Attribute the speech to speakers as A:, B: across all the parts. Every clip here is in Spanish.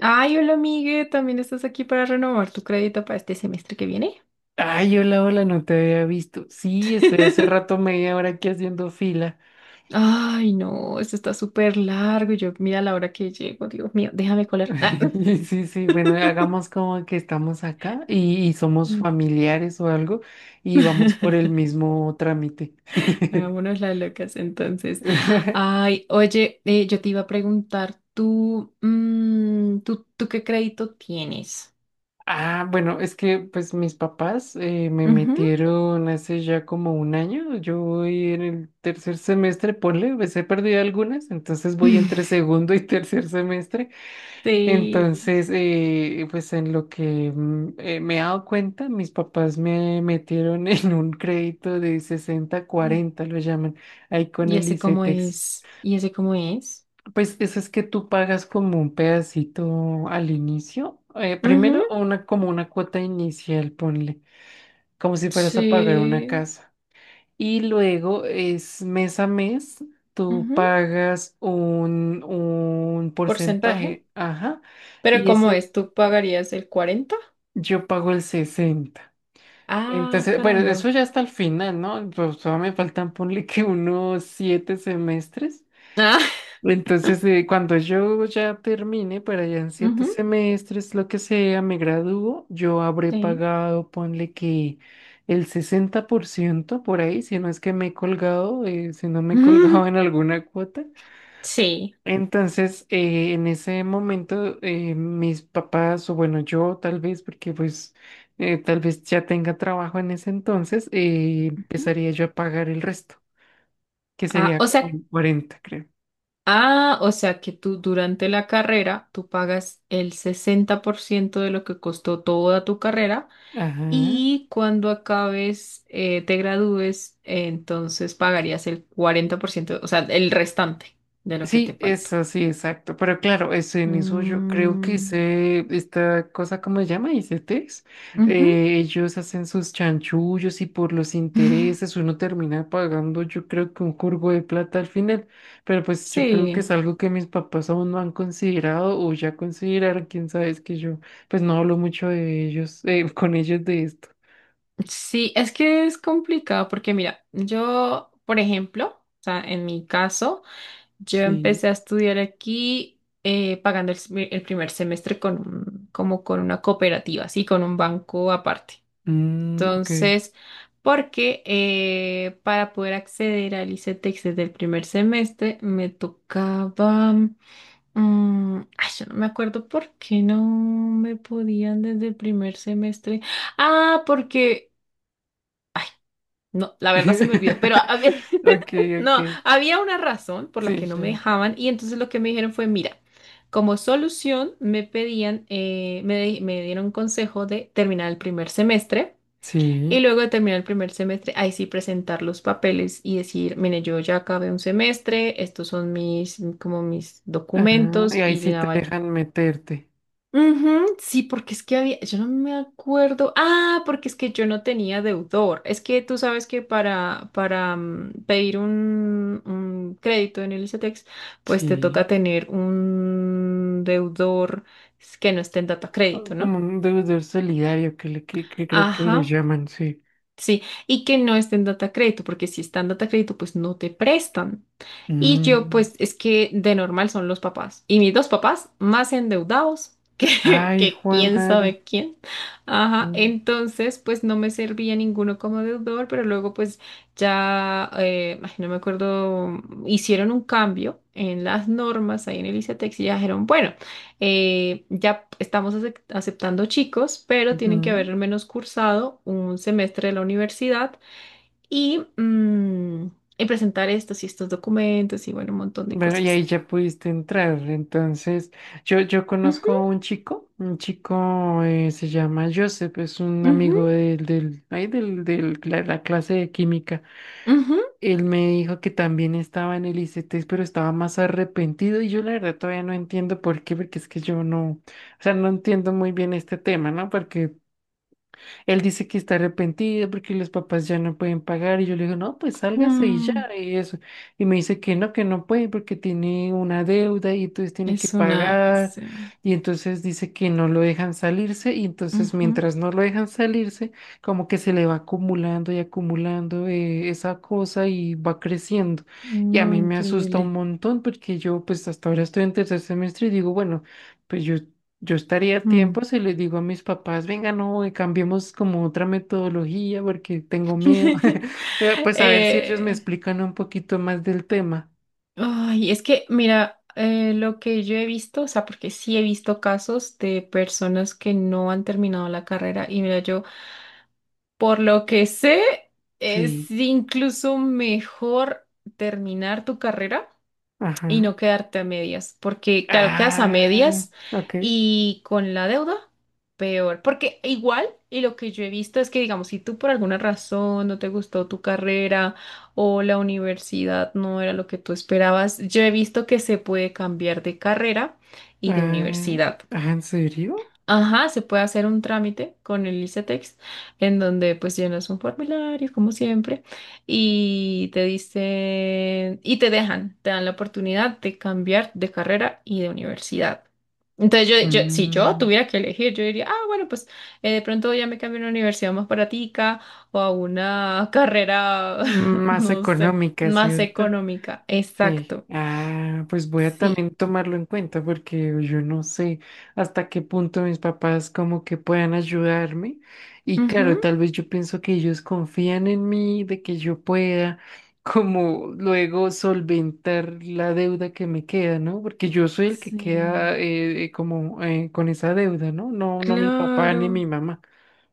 A: Ay, hola, Migue, también estás aquí para renovar tu crédito para este semestre que viene.
B: Ay, hola, hola, no te había visto. Sí, estoy hace rato media hora aquí haciendo fila.
A: Ay, no, esto está súper largo. Y yo, mira la hora que llego, Dios mío, déjame colar. Ah.
B: Sí, sí, bueno, hagamos como que estamos acá y somos
A: Mm.
B: familiares o algo y vamos por el mismo trámite.
A: Hagámonos las locas entonces. Ay, oye, yo te iba a preguntar, ¿tú, tú qué crédito tienes?
B: Ah, bueno, es que pues mis papás me
A: Ujú.
B: metieron hace ya como un año. Yo voy en el tercer semestre, ponle, pues he perdido algunas, entonces voy entre segundo y tercer semestre.
A: Sí.
B: Entonces, pues en lo que me he dado cuenta, mis papás me metieron en un crédito de sesenta cuarenta lo llaman, ahí con
A: ¿Y
B: el
A: ese cómo
B: ICETEX.
A: es? ¿Y ese cómo es?
B: Pues eso es que tú pagas como un pedacito al inicio,
A: Ujú.
B: primero como una cuota inicial, ponle, como si fueras a pagar una
A: Sí.
B: casa. Y luego es mes a mes, tú
A: Ujú.
B: pagas un
A: Porcentaje.
B: porcentaje, ajá.
A: Pero
B: Y eso.
A: ¿cómo es? ¿Tú pagarías el 40?
B: Yo pago el sesenta.
A: Ah,
B: Entonces, bueno, eso
A: caramba.
B: ya está al final, ¿no? Pues todavía me faltan, ponle que unos siete semestres.
A: Ah,
B: Entonces, cuando yo ya termine, para allá en siete
A: ujú,
B: semestres, lo que sea, me gradúo, yo habré
A: sí.
B: pagado, ponle que el 60 por ciento por ahí, si no es que me he colgado, si no me he
A: Mm,
B: colgado en alguna cuota.
A: sí.
B: Entonces, en ese momento, mis papás, o bueno, yo tal vez, porque pues tal vez ya tenga trabajo en ese entonces,
A: Ujú.
B: empezaría yo a pagar el resto, que
A: Ah,
B: sería
A: o
B: como
A: sea,
B: en 40, creo.
A: ah, o sea que tú durante la carrera tú pagas el 60% de lo que costó toda tu carrera
B: Ajá.
A: y cuando acabes, te gradúes, entonces pagarías el 40%, o sea, el restante de lo que te
B: Sí,
A: faltó.
B: eso sí, exacto. Pero claro, eso en eso yo creo que
A: Mm,
B: se, esta cosa, ¿cómo se llama? ICTs.
A: ujú.
B: Ellos hacen sus chanchullos y por los intereses uno termina pagando, yo creo que un curvo de plata al final. Pero pues yo creo que
A: Sí.
B: es algo que mis papás aún no han considerado o ya consideraron, quién sabe, es que yo pues no hablo mucho de ellos, con ellos de esto.
A: Sí, es que es complicado porque mira, yo, por ejemplo, o sea, en mi caso, yo
B: Sí.
A: empecé a estudiar aquí pagando el, el primer semestre con como con una cooperativa, sí, con un banco aparte.
B: Mm, ok.
A: Entonces, porque para poder acceder al ICETEX desde el primer semestre me tocaba, ay, yo no me acuerdo por qué no me podían desde el primer semestre. Ah, porque... ay, no, la verdad se me olvidó, pero a ver,
B: Ok,
A: no,
B: ok.
A: había una razón por la
B: Sí,
A: que no me
B: sí.
A: dejaban y entonces lo que me dijeron fue, mira, como solución me pedían, me dieron un consejo de terminar el primer semestre y
B: Sí.
A: luego de terminar el primer semestre, ahí sí presentar los papeles y decir, mire, yo ya acabé un semestre, estos son mis, como mis
B: Ah,
A: documentos
B: y ahí
A: y
B: sí te
A: llenaba.
B: dejan meterte.
A: Ujú. Sí, porque es que había, yo no me acuerdo, ah, porque es que yo no tenía deudor. Es que tú sabes que para, para pedir un crédito en el ICETEX, pues te toca
B: Sí.
A: tener un deudor que no esté en data
B: Ah,
A: crédito, ¿no?
B: como un deudor solidario que, le, que creo que le
A: Ajá.
B: llaman, sí.
A: Sí, y que no esté en data crédito, porque si está en data crédito, pues no te prestan. Y yo,
B: Mm.
A: pues es que de normal son los papás. Y mis dos papás más endeudados que,
B: Ay,
A: que
B: Juan
A: quién
B: madre.
A: sabe quién. Ajá,
B: Mm,
A: entonces, pues no me servía ninguno como deudor, pero luego, pues ya, ay, no me acuerdo, hicieron un cambio en las normas ahí en el ICETEX y ya dijeron, bueno. Ya estamos aceptando chicos, pero tienen que haber
B: ujú.
A: al menos cursado un semestre de la universidad y, y presentar estos y estos documentos y bueno, un montón de
B: Bueno, y
A: cosas.
B: ahí ya pudiste entrar. Entonces, yo
A: Ujú,
B: conozco a un chico, se llama Joseph, es un amigo
A: ujú,
B: del, del, ay, del, del, la la clase de química.
A: ujú.
B: Él me dijo que también estaba en el ICT, pero estaba más arrepentido y yo la verdad todavía no entiendo por qué, porque es que yo no, o sea, no entiendo muy bien este tema, ¿no? Porque él dice que está arrepentido porque los papás ya no pueden pagar y yo le digo, no, pues sálgase y
A: Mm,
B: ya, y eso. Y me dice que no puede porque tiene una deuda y entonces tiene que
A: es una...
B: pagar.
A: sí,
B: Y entonces dice que no lo dejan salirse y entonces
A: ujú.
B: mientras no lo dejan salirse, como que se le va acumulando y acumulando esa cosa y va creciendo. Y a
A: No,
B: mí me asusta un
A: increíble.
B: montón porque yo pues hasta ahora estoy en tercer semestre y digo, bueno, pues yo estaría a tiempo
A: Mm.
B: si les digo a mis papás, venga, no, cambiemos como otra metodología porque tengo miedo. Pues a ver si ellos me
A: Eh,
B: explican un poquito más del tema.
A: ay, es que, mira, lo que yo he visto, o sea, porque sí he visto casos de personas que no han terminado la carrera y mira, yo, por lo que sé, es
B: Sí,
A: incluso mejor terminar tu carrera y
B: ajá.
A: no quedarte a medias, porque claro, quedas a
B: Ah,
A: medias
B: ok.
A: y con la deuda, peor, porque igual, y lo que yo he visto es que, digamos, si tú por alguna razón no te gustó tu carrera o la universidad no era lo que tú esperabas, yo he visto que se puede cambiar de carrera y de
B: Ah,
A: universidad.
B: ah, ¿en serio?
A: Ajá, se puede hacer un trámite con el ICETEX en donde pues llenas un formulario como siempre y te dicen y te dejan, te dan la oportunidad de cambiar de carrera y de universidad. Entonces si yo
B: Mm,
A: tuviera que elegir, yo diría, ah, bueno, pues de pronto ya me cambio a una universidad más baratica o a una carrera,
B: más
A: no sé,
B: económica,
A: más
B: ¿cierto?
A: económica.
B: Sí,
A: Exacto.
B: ah, pues voy a
A: Sí.
B: también tomarlo en cuenta porque yo no sé hasta qué punto mis papás como que puedan ayudarme. Y
A: Ujú.
B: claro, tal vez yo pienso que ellos confían en mí, de que yo pueda como luego solventar la deuda que me queda, ¿no? Porque yo soy el que
A: Sí.
B: queda como con esa deuda, ¿no? No, no mi papá
A: Claro.
B: ni mi mamá.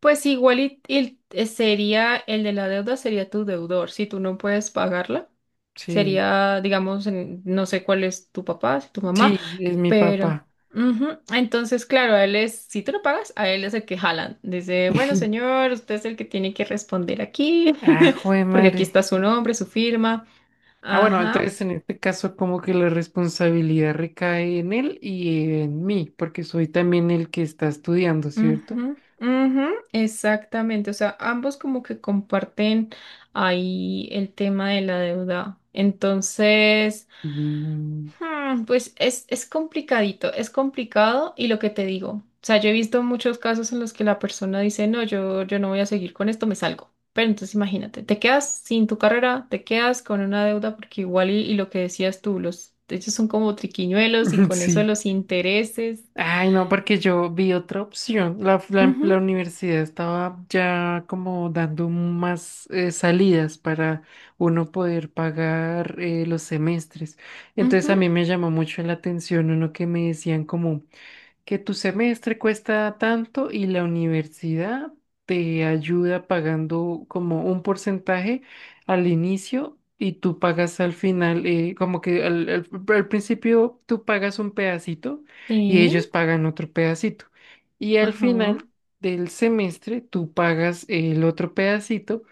A: Pues igual y sería el de la deuda, sería tu deudor. Si tú no puedes pagarla,
B: Sí,
A: sería, digamos, no sé cuál es tu papá, si tu mamá,
B: sí, es mi
A: pero...
B: papá.
A: ujú. Entonces, claro, a él es, si tú no pagas, a él es el que jalan. Dice, bueno, señor, usted es el que tiene que responder aquí,
B: Ah, joder,
A: porque aquí
B: madre.
A: está su nombre, su firma.
B: Ah, bueno,
A: Ajá.
B: entonces en este caso como que la responsabilidad recae en él y en mí, porque soy también el que está estudiando, ¿cierto?
A: Ujú, ujú, exactamente, o sea, ambos como que comparten ahí el tema de la deuda. Entonces,
B: Mm,
A: hmm, pues es complicadito, es complicado y lo que te digo, o sea, yo he visto muchos casos en los que la persona dice, no, yo no voy a seguir con esto, me salgo. Pero entonces imagínate, te quedas sin tu carrera, te quedas con una deuda porque igual y lo que decías tú, los, ellos son como triquiñuelos y con eso de
B: sí.
A: los intereses.
B: Ay, no, porque yo vi otra opción. La, la,
A: Ujú,
B: la universidad estaba ya como dando más salidas para uno poder pagar los semestres. Entonces a
A: ujú,
B: mí me llamó mucho la atención uno que me decían como... que tu semestre cuesta tanto y la universidad te ayuda pagando como un porcentaje al inicio y tú pagas al final, como que al principio tú pagas un pedacito y ellos
A: sí,
B: pagan otro pedacito. Y al
A: ajá.
B: final del semestre tú pagas el otro pedacito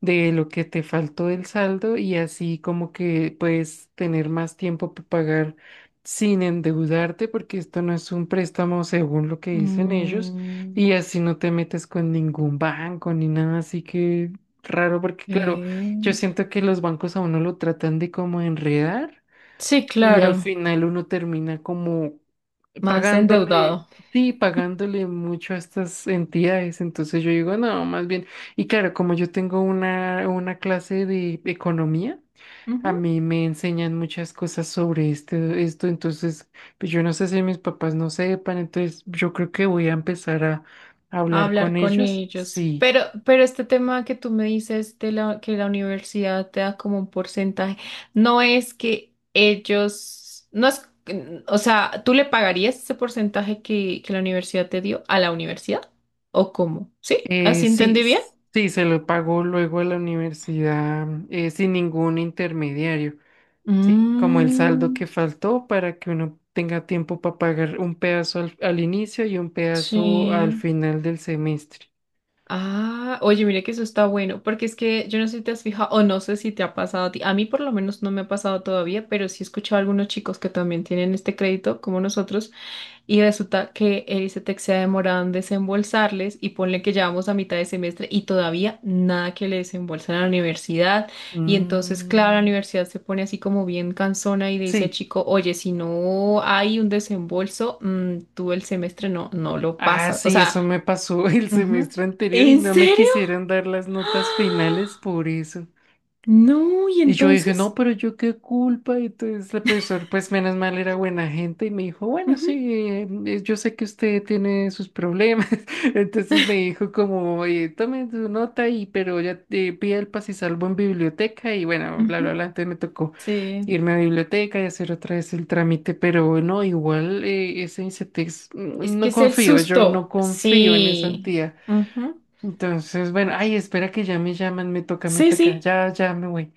B: de lo que te faltó del saldo y así como que puedes tener más tiempo para pagar sin endeudarte, porque esto no es un préstamo según lo que dicen ellos,
A: Mm,
B: y así no te metes con ningún banco ni nada, así que raro, porque claro, yo
A: eh,
B: siento que los bancos a uno lo tratan de como enredar
A: sí,
B: y al
A: claro,
B: final uno termina como
A: más endeudado.
B: pagándole. Sí, pagándole mucho a estas entidades, entonces yo digo, no, más bien, y claro, como yo tengo una clase de economía, a
A: Ujú,
B: mí me enseñan muchas cosas sobre esto, esto, entonces, pues yo no sé si mis papás no sepan, entonces yo creo que voy a empezar a
A: a
B: hablar
A: hablar
B: con
A: con
B: ellos.
A: ellos.
B: Sí,
A: Pero este tema que tú me dices de la, que la universidad te da como un porcentaje, no es que ellos, no es, o sea, ¿tú le pagarías ese porcentaje que la universidad te dio a la universidad? ¿O cómo? ¿Sí? ¿Así
B: sí,
A: entendí bien?
B: sí, se lo pago luego a la universidad sin ningún intermediario, sí, como el saldo
A: Mm,
B: que faltó para que uno tenga tiempo para pagar un pedazo al, al inicio y un pedazo al
A: sí.
B: final del semestre.
A: Ah, oye, mire que eso está bueno, porque es que yo no sé si te has fijado o no sé si te ha pasado a ti. A mí por lo menos no me ha pasado todavía, pero sí he escuchado a algunos chicos que también tienen este crédito como nosotros y resulta que el ICETEX se ha demorado en desembolsarles y ponle que ya vamos a mitad de semestre y todavía nada que le desembolsan a la universidad. Y entonces, claro, la
B: Mm,
A: universidad se pone así como bien cansona y le dice al
B: sí.
A: chico, oye, si no hay un desembolso, tú el semestre no, no lo
B: Ah,
A: pasas. O
B: sí, eso
A: sea...
B: me pasó el
A: ujú.
B: semestre anterior y
A: ¿En
B: no me
A: serio?
B: quisieron dar las notas finales
A: ¡Ah!
B: por eso.
A: No, y
B: Y yo dije, no,
A: entonces,
B: pero yo qué culpa. Y entonces el profesor, pues menos mal, era buena gente y me dijo, bueno, sí, yo sé que usted tiene sus problemas. Entonces me dijo como, tome su nota y pero ya te pida el paz y salvo en biblioteca y
A: ujú,
B: bueno, bla, bla,
A: ujú,
B: bla. Entonces me tocó
A: sí,
B: irme a biblioteca y hacer otra vez el trámite, pero no, igual ese ICETEX,
A: es que
B: no
A: es el
B: confío, yo no
A: susto.
B: confío en esa
A: Sí,
B: entidad.
A: ujú.
B: Entonces, bueno, ay, espera que ya me llaman, me
A: Sí,
B: toca,
A: sí,
B: ya, ya me voy.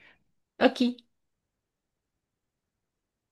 A: aquí.